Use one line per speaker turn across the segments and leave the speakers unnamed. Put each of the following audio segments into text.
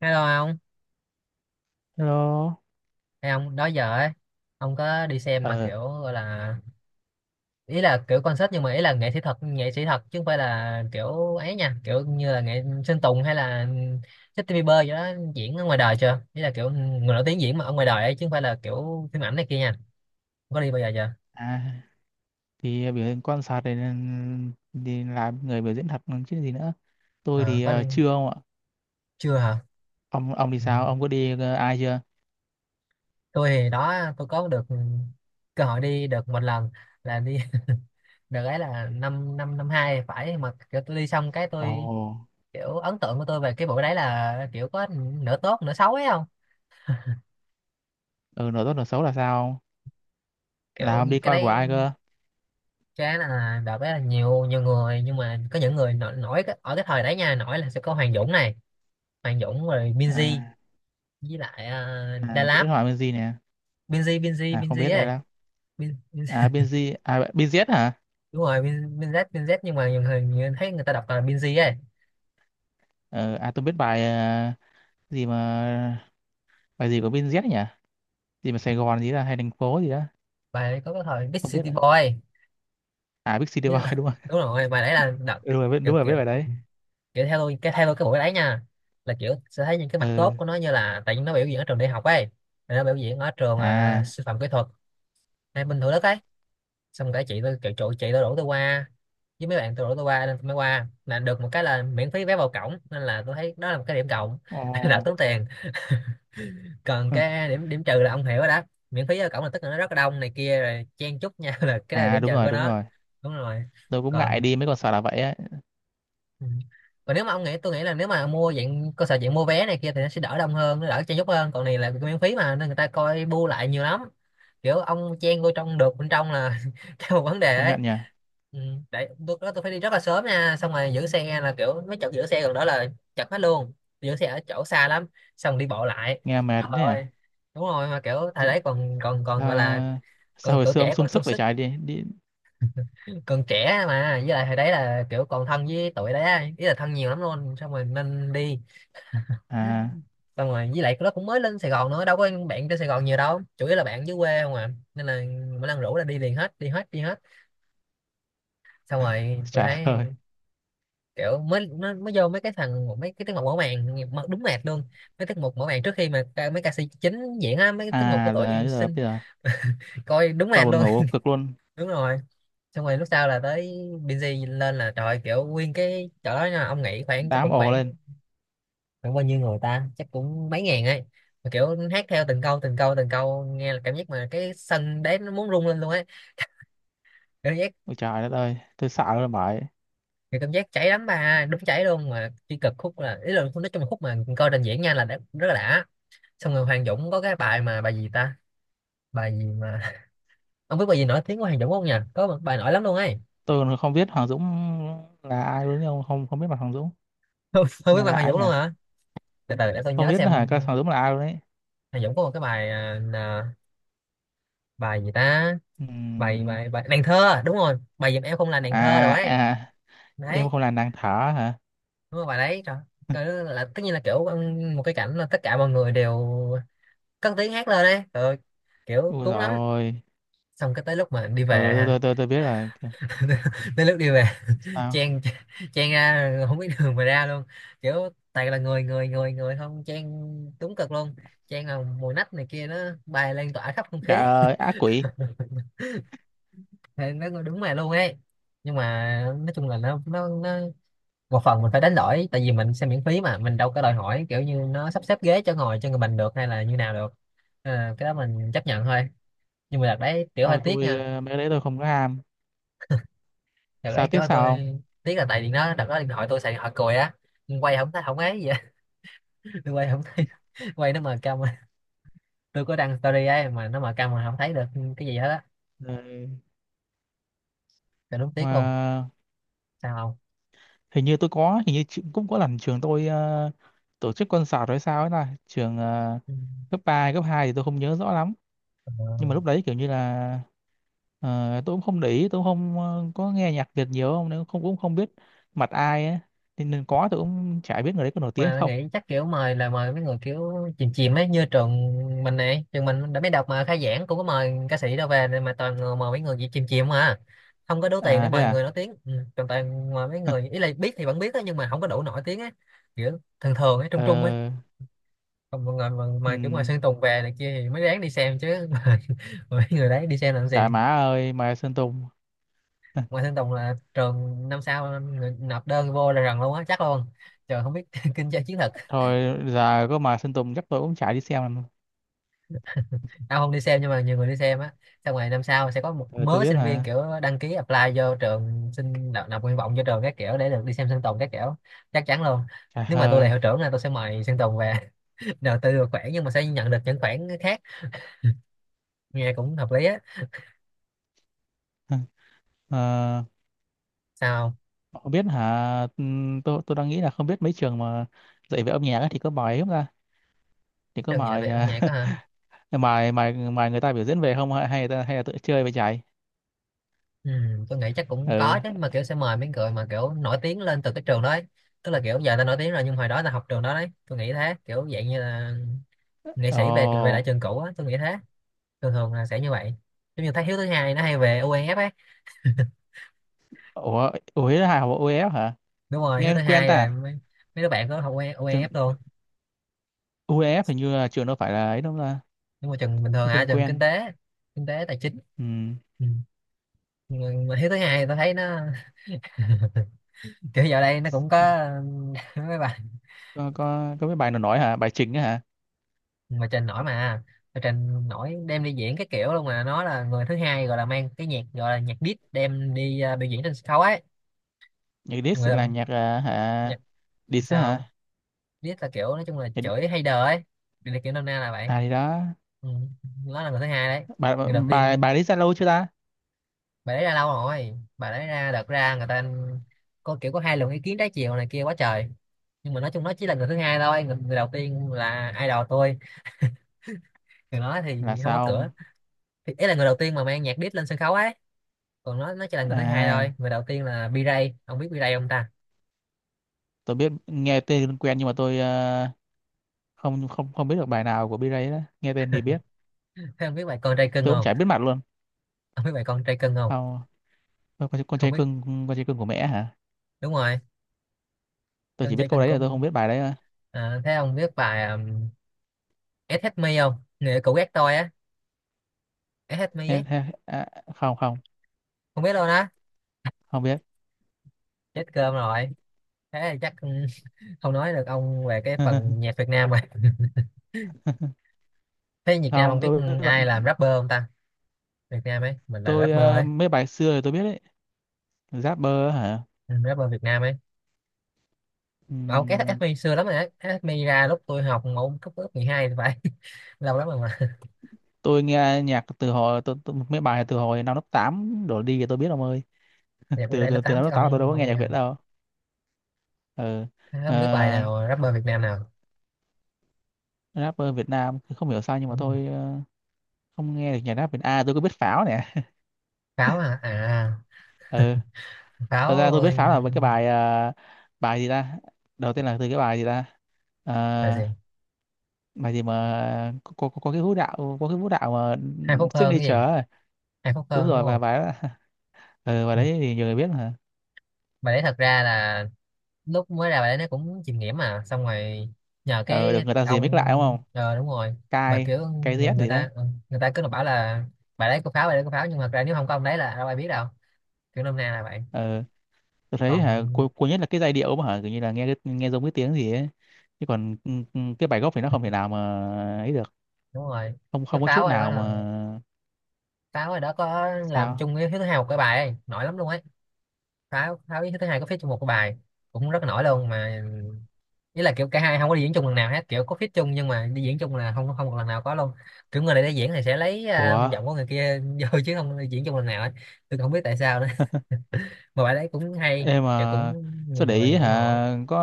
Hello ông,
Hello.
hay ông đó giờ ấy, ông có đi xem mà
Ờ,
kiểu gọi là ý là kiểu concert, nhưng mà ý là nghệ sĩ thật, nghệ sĩ thật, chứ không phải là kiểu ấy nha, kiểu như là nghệ Sơn Tùng hay là Justin Bieber vậy đó, diễn ở ngoài đời chưa? Ý là kiểu người nổi tiếng diễn mà ở ngoài đời ấy, chứ không phải là kiểu phim ảnh này kia nha. Ông có đi bao giờ chưa?
à, thì biểu diễn quan sát này nên đi làm người biểu diễn thật còn chứ gì nữa. Tôi
Ờ,
thì
có đi
chưa ông ạ.
chưa hả?
Ông thì
Ừ.
sao? Ông có đi ai chưa?
Tôi thì đó, tôi có được cơ hội đi được một lần, là đi đợt ấy là năm năm năm hai, phải mà kiểu tôi đi xong cái
Ồ,
tôi kiểu ấn tượng của tôi về cái bộ đấy là kiểu có nửa tốt nửa xấu ấy không.
ừ, Nửa tốt nửa xấu là sao, ông? Là
kiểu
ông đi
cái
coi của
đấy
ai cơ?
cái là đợt đấy là nhiều nhiều người, nhưng mà có những người nổi, ở cái thời đấy nha, nổi là sẽ có Hoàng Dũng này, Hoàng Dũng rồi Binz,
À,
với lại Đà
à tôi biết
Lạt.
hỏi bên gì nè.
Binz Binz
À
Binz
không biết đây
ấy,
đâu.
Bin,
À bên gì? À bên Z hả?
đúng rồi Bin, Binz Binz, nhưng mà nhiều người, người thấy người ta đọc là Binz ấy.
Ờ, À tôi biết bài ờ, gì mà bài gì của bên Z nhỉ? Gì mà Sài Gòn gì là hay thành phố gì đó.
Bài đấy có cái thời Big
Không biết
City
nữa.
Boy.
À Big City
Nhớ-
Boy đúng rồi.
đúng rồi, bài đấy là đợt
Ừ, đúng rồi,
kiểu,
đúng rồi
kiểu
biết bài đấy.
kiểu theo tôi cái buổi đấy nha, là kiểu sẽ thấy những cái mặt
Ừ.
tốt của nó, như là tại vì nó biểu diễn ở trường đại học ấy. Rồi nó biểu diễn ở trường
À.
sư phạm kỹ thuật hay bình thường đất ấy. Xong cả chị tôi kiểu trụ, chị tôi rủ tôi qua với mấy bạn, tôi rủ tôi qua, nên tôi mới qua, là được một cái là miễn phí vé vào cổng, nên là tôi thấy đó là một cái điểm cộng. Đã
Ồ.
tốn tiền còn
Ừ.
cái điểm điểm trừ là ông hiểu rồi đó, miễn phí vào cổng là tức là nó rất là đông này kia, rồi chen chúc nhau là cái đó là
À
điểm trừ
đúng rồi,
của
đúng
nó.
rồi.
Đúng rồi.
Tôi cũng ngại
Còn,
đi mấy con sò là vậy ấy.
ừ, còn nếu mà ông nghĩ, tôi nghĩ là nếu mà mua dạng cơ sở, dạng mua vé này kia, thì nó sẽ đỡ đông hơn, nó đỡ chen chúc hơn, còn này là miễn phí mà, nên người ta coi bu lại nhiều lắm. Kiểu ông chen vô trong được bên trong là cái một vấn đề
Công
ấy.
nhận nhỉ.
Ừ. Đấy, tôi đó, tôi phải đi rất là sớm nha, xong rồi giữ xe là kiểu mấy chỗ giữ xe gần đó là chật hết luôn, giữ xe ở chỗ xa lắm, xong đi bộ lại.
Nghe mệt
Trời
thế
ơi,
à?
đúng rồi, mà kiểu thời đấy còn còn còn gọi là
Sao, sao
còn
hồi
tuổi
xưa ông
trẻ,
sung
còn sung
sức vậy
sức,
trời, đi đi
còn trẻ mà. Với lại hồi đấy là kiểu còn thân với tụi đấy á, ý là thân nhiều lắm luôn, xong rồi nên đi.
à
Xong rồi với lại nó cũng mới lên Sài Gòn nữa, đâu có bạn trên Sài Gòn nhiều đâu, chủ yếu là bạn dưới quê không à, nên là mỗi lần rủ là đi liền, hết đi hết đi hết. Xong rồi tôi
Trời
thấy
ơi.
kiểu mới, nó mới vô mấy cái thằng, mấy cái tiết mục mở màn, nghe- mở- đúng mệt luôn. Mấy tiết mục mở màn trước khi mà ca- mấy ca sĩ chính diễn á, mấy cái tiết mục của
À là
tụi
bây giờ
xin,
bây giờ
coi đúng
qua
mệt
buồn
luôn.
ngủ cực luôn.
Đúng rồi. Xong rồi lúc sau là tới Binz lên, là trời, kiểu nguyên cái chỗ đó nha, ông nghĩ khoảng chắc
Đám
cũng
ồ
khoảng,
lên.
khoảng bao nhiêu người, ta chắc cũng mấy ngàn ấy, mà kiểu hát theo từng câu từng câu từng câu, nghe là cảm giác mà cái sân đấy nó muốn rung lên luôn ấy, cảm giác
Ôi trời đất ơi, tôi sợ rồi bởi.
thì cảm giác cháy lắm bà, đúng cháy luôn. Mà chỉ cực khúc là, ý là nói chung là khúc mà coi trình diễn nha, là đã, rất là đã. Xong rồi Hoàng Dũng có cái bài mà bài gì ta, bài gì mà, ông biết bài gì nổi tiếng của Hoàng Dũng không nhỉ, có một bài nổi lắm luôn ấy.
Tôi còn không biết Hoàng Dũng là ai luôn, nhưng không, không biết mặt Hoàng Dũng.
Không, biết
Nghe
bài
lạ
Hoàng
ấy
Dũng
nhỉ.
luôn hả. Từ từ để tôi
Không
nhớ
biết nữa
xem,
hả? Cái
Hoàng
Hoàng Dũng là ai luôn ấy.
Dũng có một cái bài là- bài gì ta, bài
Ừm,
bài bài nàng thơ, đúng rồi bài giùm em không là nàng thơ
À
rồi ấy.
à, em
Đấy,
không là nàng thở hả?
đúng rồi bài đấy, trời. Trời ơi, là tất nhiên là kiểu một cái cảnh là tất cả mọi người đều cất tiếng hát lên đấy, rồi kiểu
Ui
cuốn lắm.
rồi.
Xong cái tới lúc mà đi
Ừ,
về
tôi
ha,
tôi tôi tôi biết rồi.
tới lúc đi về,
Sao?
chen chen ra không biết đường mà ra luôn, kiểu toàn là người người người người, không chen đúng cực luôn, chen là mùi nách này kia nó bay lan tỏa khắp không khí.
Dạ ác quỷ.
Thì nó đúng mà luôn ấy, nhưng mà nói chung là nó nó một phần mình phải đánh đổi, tại vì mình xem miễn phí mà, mình đâu có đòi hỏi kiểu như nó sắp xếp ghế cho ngồi cho người mình được, hay là như nào được. Nên cái đó mình chấp nhận thôi, nhưng mà đợt đấy kiểu hơi
Thôi
tiếc
tôi,
nha.
mấy cái đấy tôi không có ham.
Đợt
Sao
đấy kiểu
tiếc
tôi
sao
tiếc là tại vì nó, đợt đó điện thoại, tôi xài điện thoại cùi á, quay không thấy không ấy gì á. Tôi quay không thấy,
không?
quay nó mờ câm á. Tôi có đăng story ấy mà nó mờ câm, mà không thấy được cái gì hết á.
Ờ,
Trời đúng tiếc luôn,
mà
sao không.
hình như tôi có, hình như cũng có lần trường tôi tổ chức concert hay sao ấy, là trường
Ừ.
cấp 3 cấp 2 thì tôi không nhớ rõ lắm. Nhưng
Ờ.
mà lúc đấy kiểu như là ờ, tôi cũng không để ý, tôi cũng không có nghe nhạc Việt nhiều không, nên không cũng không biết mặt ai ấy. Nên, nên có tôi cũng chả biết người đấy có nổi tiếng hay
Mà mình
không.
nghĩ chắc kiểu mời là mời mấy người kiểu chìm chìm ấy, như trường mình này, trường mình đã biết đọc mà khai giảng cũng có mời ca sĩ đâu về, mà toàn người mời mấy người gì chìm chìm mà, không có đủ tiền để
À thế
mời
à.
người nổi tiếng. Ừ, toàn toàn mời mấy người, ý là biết thì vẫn biết á, nhưng mà không có đủ nổi tiếng á, kiểu thường thường ấy, trung trung ấy.
Ờ,
Còn mọi người mà kiểu ngoài
ừm,
Sơn Tùng về này kia thì mới đáng đi xem chứ. Mà mấy người đấy đi xem làm gì.
trời má ơi, Mai Sơn Tùng.
Ngoài Sơn Tùng là trường năm sau người nộp đơn vô là rần luôn á, chắc luôn. Trời không biết, kinh doanh chiến.
Thôi giờ có mời Sơn Tùng chắc tôi cũng chả đi xem làm. Rồi
Tao không đi xem, nhưng mà nhiều người đi xem á, xong rồi năm sau sẽ có một
ờ, tôi
mớ
biết
sinh viên
là
kiểu đăng ký apply vô trường, xin nộp, nộp nguyện vọng vô trường các kiểu để được đi xem Sơn Tùng các kiểu, chắc chắn luôn.
trời
Nếu mà tôi là
ơi.
hiệu trưởng là tôi sẽ mời Sơn Tùng về. Đầu tư được khoản nhưng mà sẽ nhận được những khoản khác, nghe cũng hợp lý á,
Ờ,
sao không?
không biết hả? Tôi đang nghĩ là không biết mấy trường mà dạy về âm nhạc ấy thì có mời không ta? Thì có
Trường dạy về
mời
âm
à,
nhạc đó hả.
mời mời mời người ta biểu diễn về không, hay hay là tự chơi về chạy?
Ừ, tôi nghĩ chắc cũng
Ừ.
có chứ, mà kiểu sẽ mời mấy người mà kiểu nổi tiếng lên từ cái trường đó ấy. Tức là kiểu giờ ta nổi tiếng rồi, nhưng hồi đó ta học trường đó đấy, tôi nghĩ thế, kiểu dạng như là nghệ sĩ về về
Ồ.
lại trường cũ á, tôi nghĩ thế. Thường thường là sẽ như vậy, giống như thấy Hiếu thứ hai nó hay về OEF ấy.
Ủa, ủa là hả? UEF hả?
Đúng rồi Hiếu
Nghe
thứ
quen
hai
ta.
là
À?
mấy, mấy đứa bạn có học
Trường
OEF luôn.
UEF hình như là trường đâu phải là ấy đâu ta.
Nhưng mà trường bình thường
Tôi
hả,
quen
trường kinh
quen.
tế, kinh tế tài chính.
Ừ.
Ừ. mà mà Hiếu thứ hai tôi thấy nó kiểu giờ đây nó cũng có mấy bài
Có cái bài nào nói hả? Bài chính á hả?
mà trình nổi, mà trình nổi đem đi diễn cái kiểu luôn, mà nó là người thứ hai gọi là mang cái nhạc, gọi là nhạc diss đem đi biểu diễn trên sân khấu ấy.
Nhạc diss
Người
là
đồng-
nhạc à, hả?
nhạc
Dis á
sao.
hả?
Riết là kiểu nói chung là
Thì-
chửi hay đờ ấy, điều này kiểu nôm na là vậy.
à thì đó,
Ừ. Nó là người thứ hai đấy.
bà
Người đầu
bà
tiên,
bà Dis Zalo chưa ta?
bà đấy ra lâu rồi. Bà đấy ra đợt ra người ta có kiểu có hai luồng ý kiến trái chiều này kia quá trời, nhưng mà nói chung nó chỉ là người thứ hai thôi. Người đầu tiên là idol tôi, người đó thì
Là
không có
sao
cửa.
ông?
Thì ý là người đầu tiên mà mang nhạc diss lên sân khấu ấy, còn nó chỉ là người thứ hai
À,
thôi. Người đầu tiên là B-Ray, ông biết B-Ray không ta?
tôi biết, nghe tên quen nhưng mà tôi không không không biết được bài nào của B-Ray đó. Nghe tên thì biết,
Thế ông biết bài con trai cưng
tôi cũng
không?
chả biết mặt luôn.
Ông biết bài con trai cưng không?
Không, con
Không
trai
biết.
cưng, con trai cưng của mẹ hả?
Đúng rồi,
Tôi
con
chỉ
trai
biết câu
cưng
đấy là tôi không
cũng.
biết bài đấy. À,
À, thế ông biết bài SH Me không? Nè cũ ghét tôi á, SH Me ấy.
Em- em- à, không không
Không biết luôn á?
không biết.
Chết cơm rồi. Thế thì chắc không nói được ông về cái phần nhạc Việt Nam rồi. Thế Việt Nam ông
Không,
biết
tôi biết
ai
bạn
làm rapper không ta? Việt Nam ấy, mình là
tôi
rapper ấy.
mấy bài xưa thì tôi biết đấy. Rapper hả?
Ừ, rapper Việt Nam ấy. Ông SH
Ừm,
Me xưa lắm rồi đấy, SH Me ra lúc tôi học mẫu cấp lớp 12 thì phải. Lâu lắm rồi mà.
tôi nghe nhạc từ hồi mấy bài từ hồi năm lớp 8 đổ đi thì tôi biết ông ơi.
Nhạc Việt
từ
đây lớp
từ từ
8
năm lớp
chắc
tám là tôi
ông
đâu có
không
nghe
nghe.
nhạc Việt đâu. Ừ.
Thế không biết bài
Ờ,
nào rapper Việt Nam nào?
rapper Việt Nam không hiểu sao nhưng mà
Đúng.
tôi không nghe được nhạc rap Việt. À tôi có biết Pháo nè.
Pháo hả à?
Ừ. Thật ra
Pháo
tôi biết
ơi,
Pháo là với cái bài bài gì ta, đầu tiên là từ cái bài gì ta. Ờ,
bài gì?
bài gì mà có, có cái vũ đạo, có cái vũ đạo mà
Hai phút hơn cái
signature
gì?
ấy.
Hai phút
Đúng
hơn đúng
rồi, và
không?
bài đó ừ, bài
Ừ.
đấy thì nhiều người biết mà.
Bài đấy thật ra là lúc mới ra bài đấy nó cũng chìm nghiệm mà, xong rồi nhờ
Ừ, được
cái
người ta remix lại đúng
ông
không,
đúng rồi. Mà
cai
kiểu
Kai
người,
Z
người
gì đó.
ta người ta cứ là bảo là bài đấy có pháo, bài đấy có pháo, nhưng mà thật ra nếu không có ông đấy là đâu ai biết đâu. Kiểu nôm na là vậy.
Ừ. Tôi thấy hả, cuối
Còn
cuối nhất là cái giai điệu mà hả, kiểu như là nghe giống cái tiếng gì ấy. Chứ còn cái bài gốc thì nó không thể nào mà ấy được,
đúng rồi,
không
cái
không có chút
pháo rồi đó
nào
là
mà.
pháo rồi đó có làm
Sao?
chung với thứ hai một cái bài ấy nổi lắm luôn ấy. Pháo, pháo với thứ hai có phía chung một cái bài cũng rất là nổi luôn mà. Ý là kiểu cả hai không có đi diễn chung lần nào hết, kiểu có feat chung nhưng mà đi diễn chung là không, không một lần nào có luôn. Kiểu người này đi diễn thì sẽ lấy
Ủa.
giọng của người kia vô, chứ không đi diễn chung lần nào ấy. Tôi không biết tại sao nữa. Mà bài đấy cũng hay,
Em
kiểu
mà
cũng nhiều
sao để ý
người ủng hộ.
hả,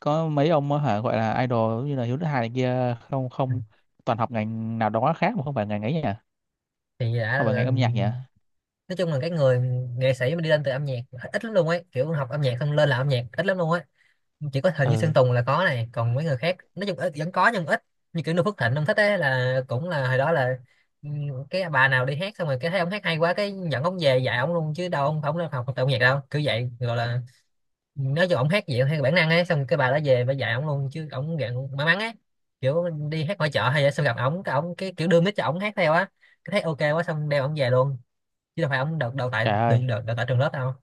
có mấy ông á hả gọi là idol giống như là Hiếu Thứ Hai này kia không,
Ừ.
toàn học ngành nào đó khác mà không phải ngành ấy nhỉ,
thì đã
không phải ngành
là-
âm nhạc nhỉ.
nói chung là cái người nghệ sĩ mà đi lên từ âm nhạc ít, ít lắm luôn ấy. Kiểu học âm nhạc xong lên làm âm nhạc ít lắm luôn ấy. Chỉ có hình như
Ừ,
Sơn Tùng là có này, còn mấy người khác nói chung ít, vẫn có nhưng ít. Như kiểu Noo Phước Thịnh ông thích ấy là cũng là hồi đó là, ừ, cái bà nào đi hát xong rồi cái thấy ông hát hay quá cái dẫn ông về dạy ông luôn, chứ đâu ông không học học tập nhạc đâu. Cứ vậy gọi là nói cho ông hát gì theo bản năng ấy, xong cái bà đó về bà dạy ông luôn, chứ ông dạng may mắn ấy. Kiểu đi hát ngoài chợ hay vậy, xong gặp ông cái kiểu đưa mic cho ông hát theo á, cái thấy ok quá xong đeo ông về luôn. Chứ đâu phải ông đào đào tại
trời
đừng
ơi.
đào, đào tại trường lớp đâu.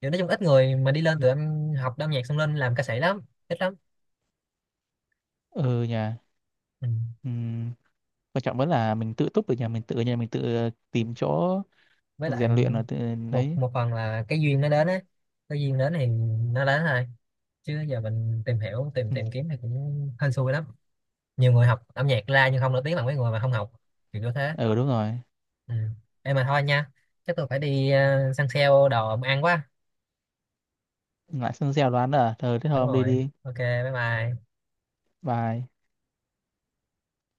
Kiểu nói chung ít người mà đi lên tụi em học âm nhạc xong lên làm ca sĩ lắm. Ít lắm.
Ừ, nhà.
Ừ.
Ừm, quan trọng vẫn là mình tự túc được, nhà mình tự, nhà mình tự tìm chỗ
Với lại
rèn luyện ở tự
một
đấy.
một phần là cái duyên nó đến á. Cái duyên đến thì nó đến thôi, chứ giờ mình tìm hiểu tìm
ừ,
tìm kiếm thì cũng hên xui lắm. Nhiều người học âm nhạc ra nhưng không nổi tiếng bằng mấy người mà không học, kiểu như thế.
ừ đúng rồi.
Ừ. Em mà thôi nha, chắc tôi phải đi săn sale đồ ăn quá.
Lại sân gieo đoán là ờ thế thôi
Đúng
ông đi
rồi,
đi,
ok, bye bye.
bye.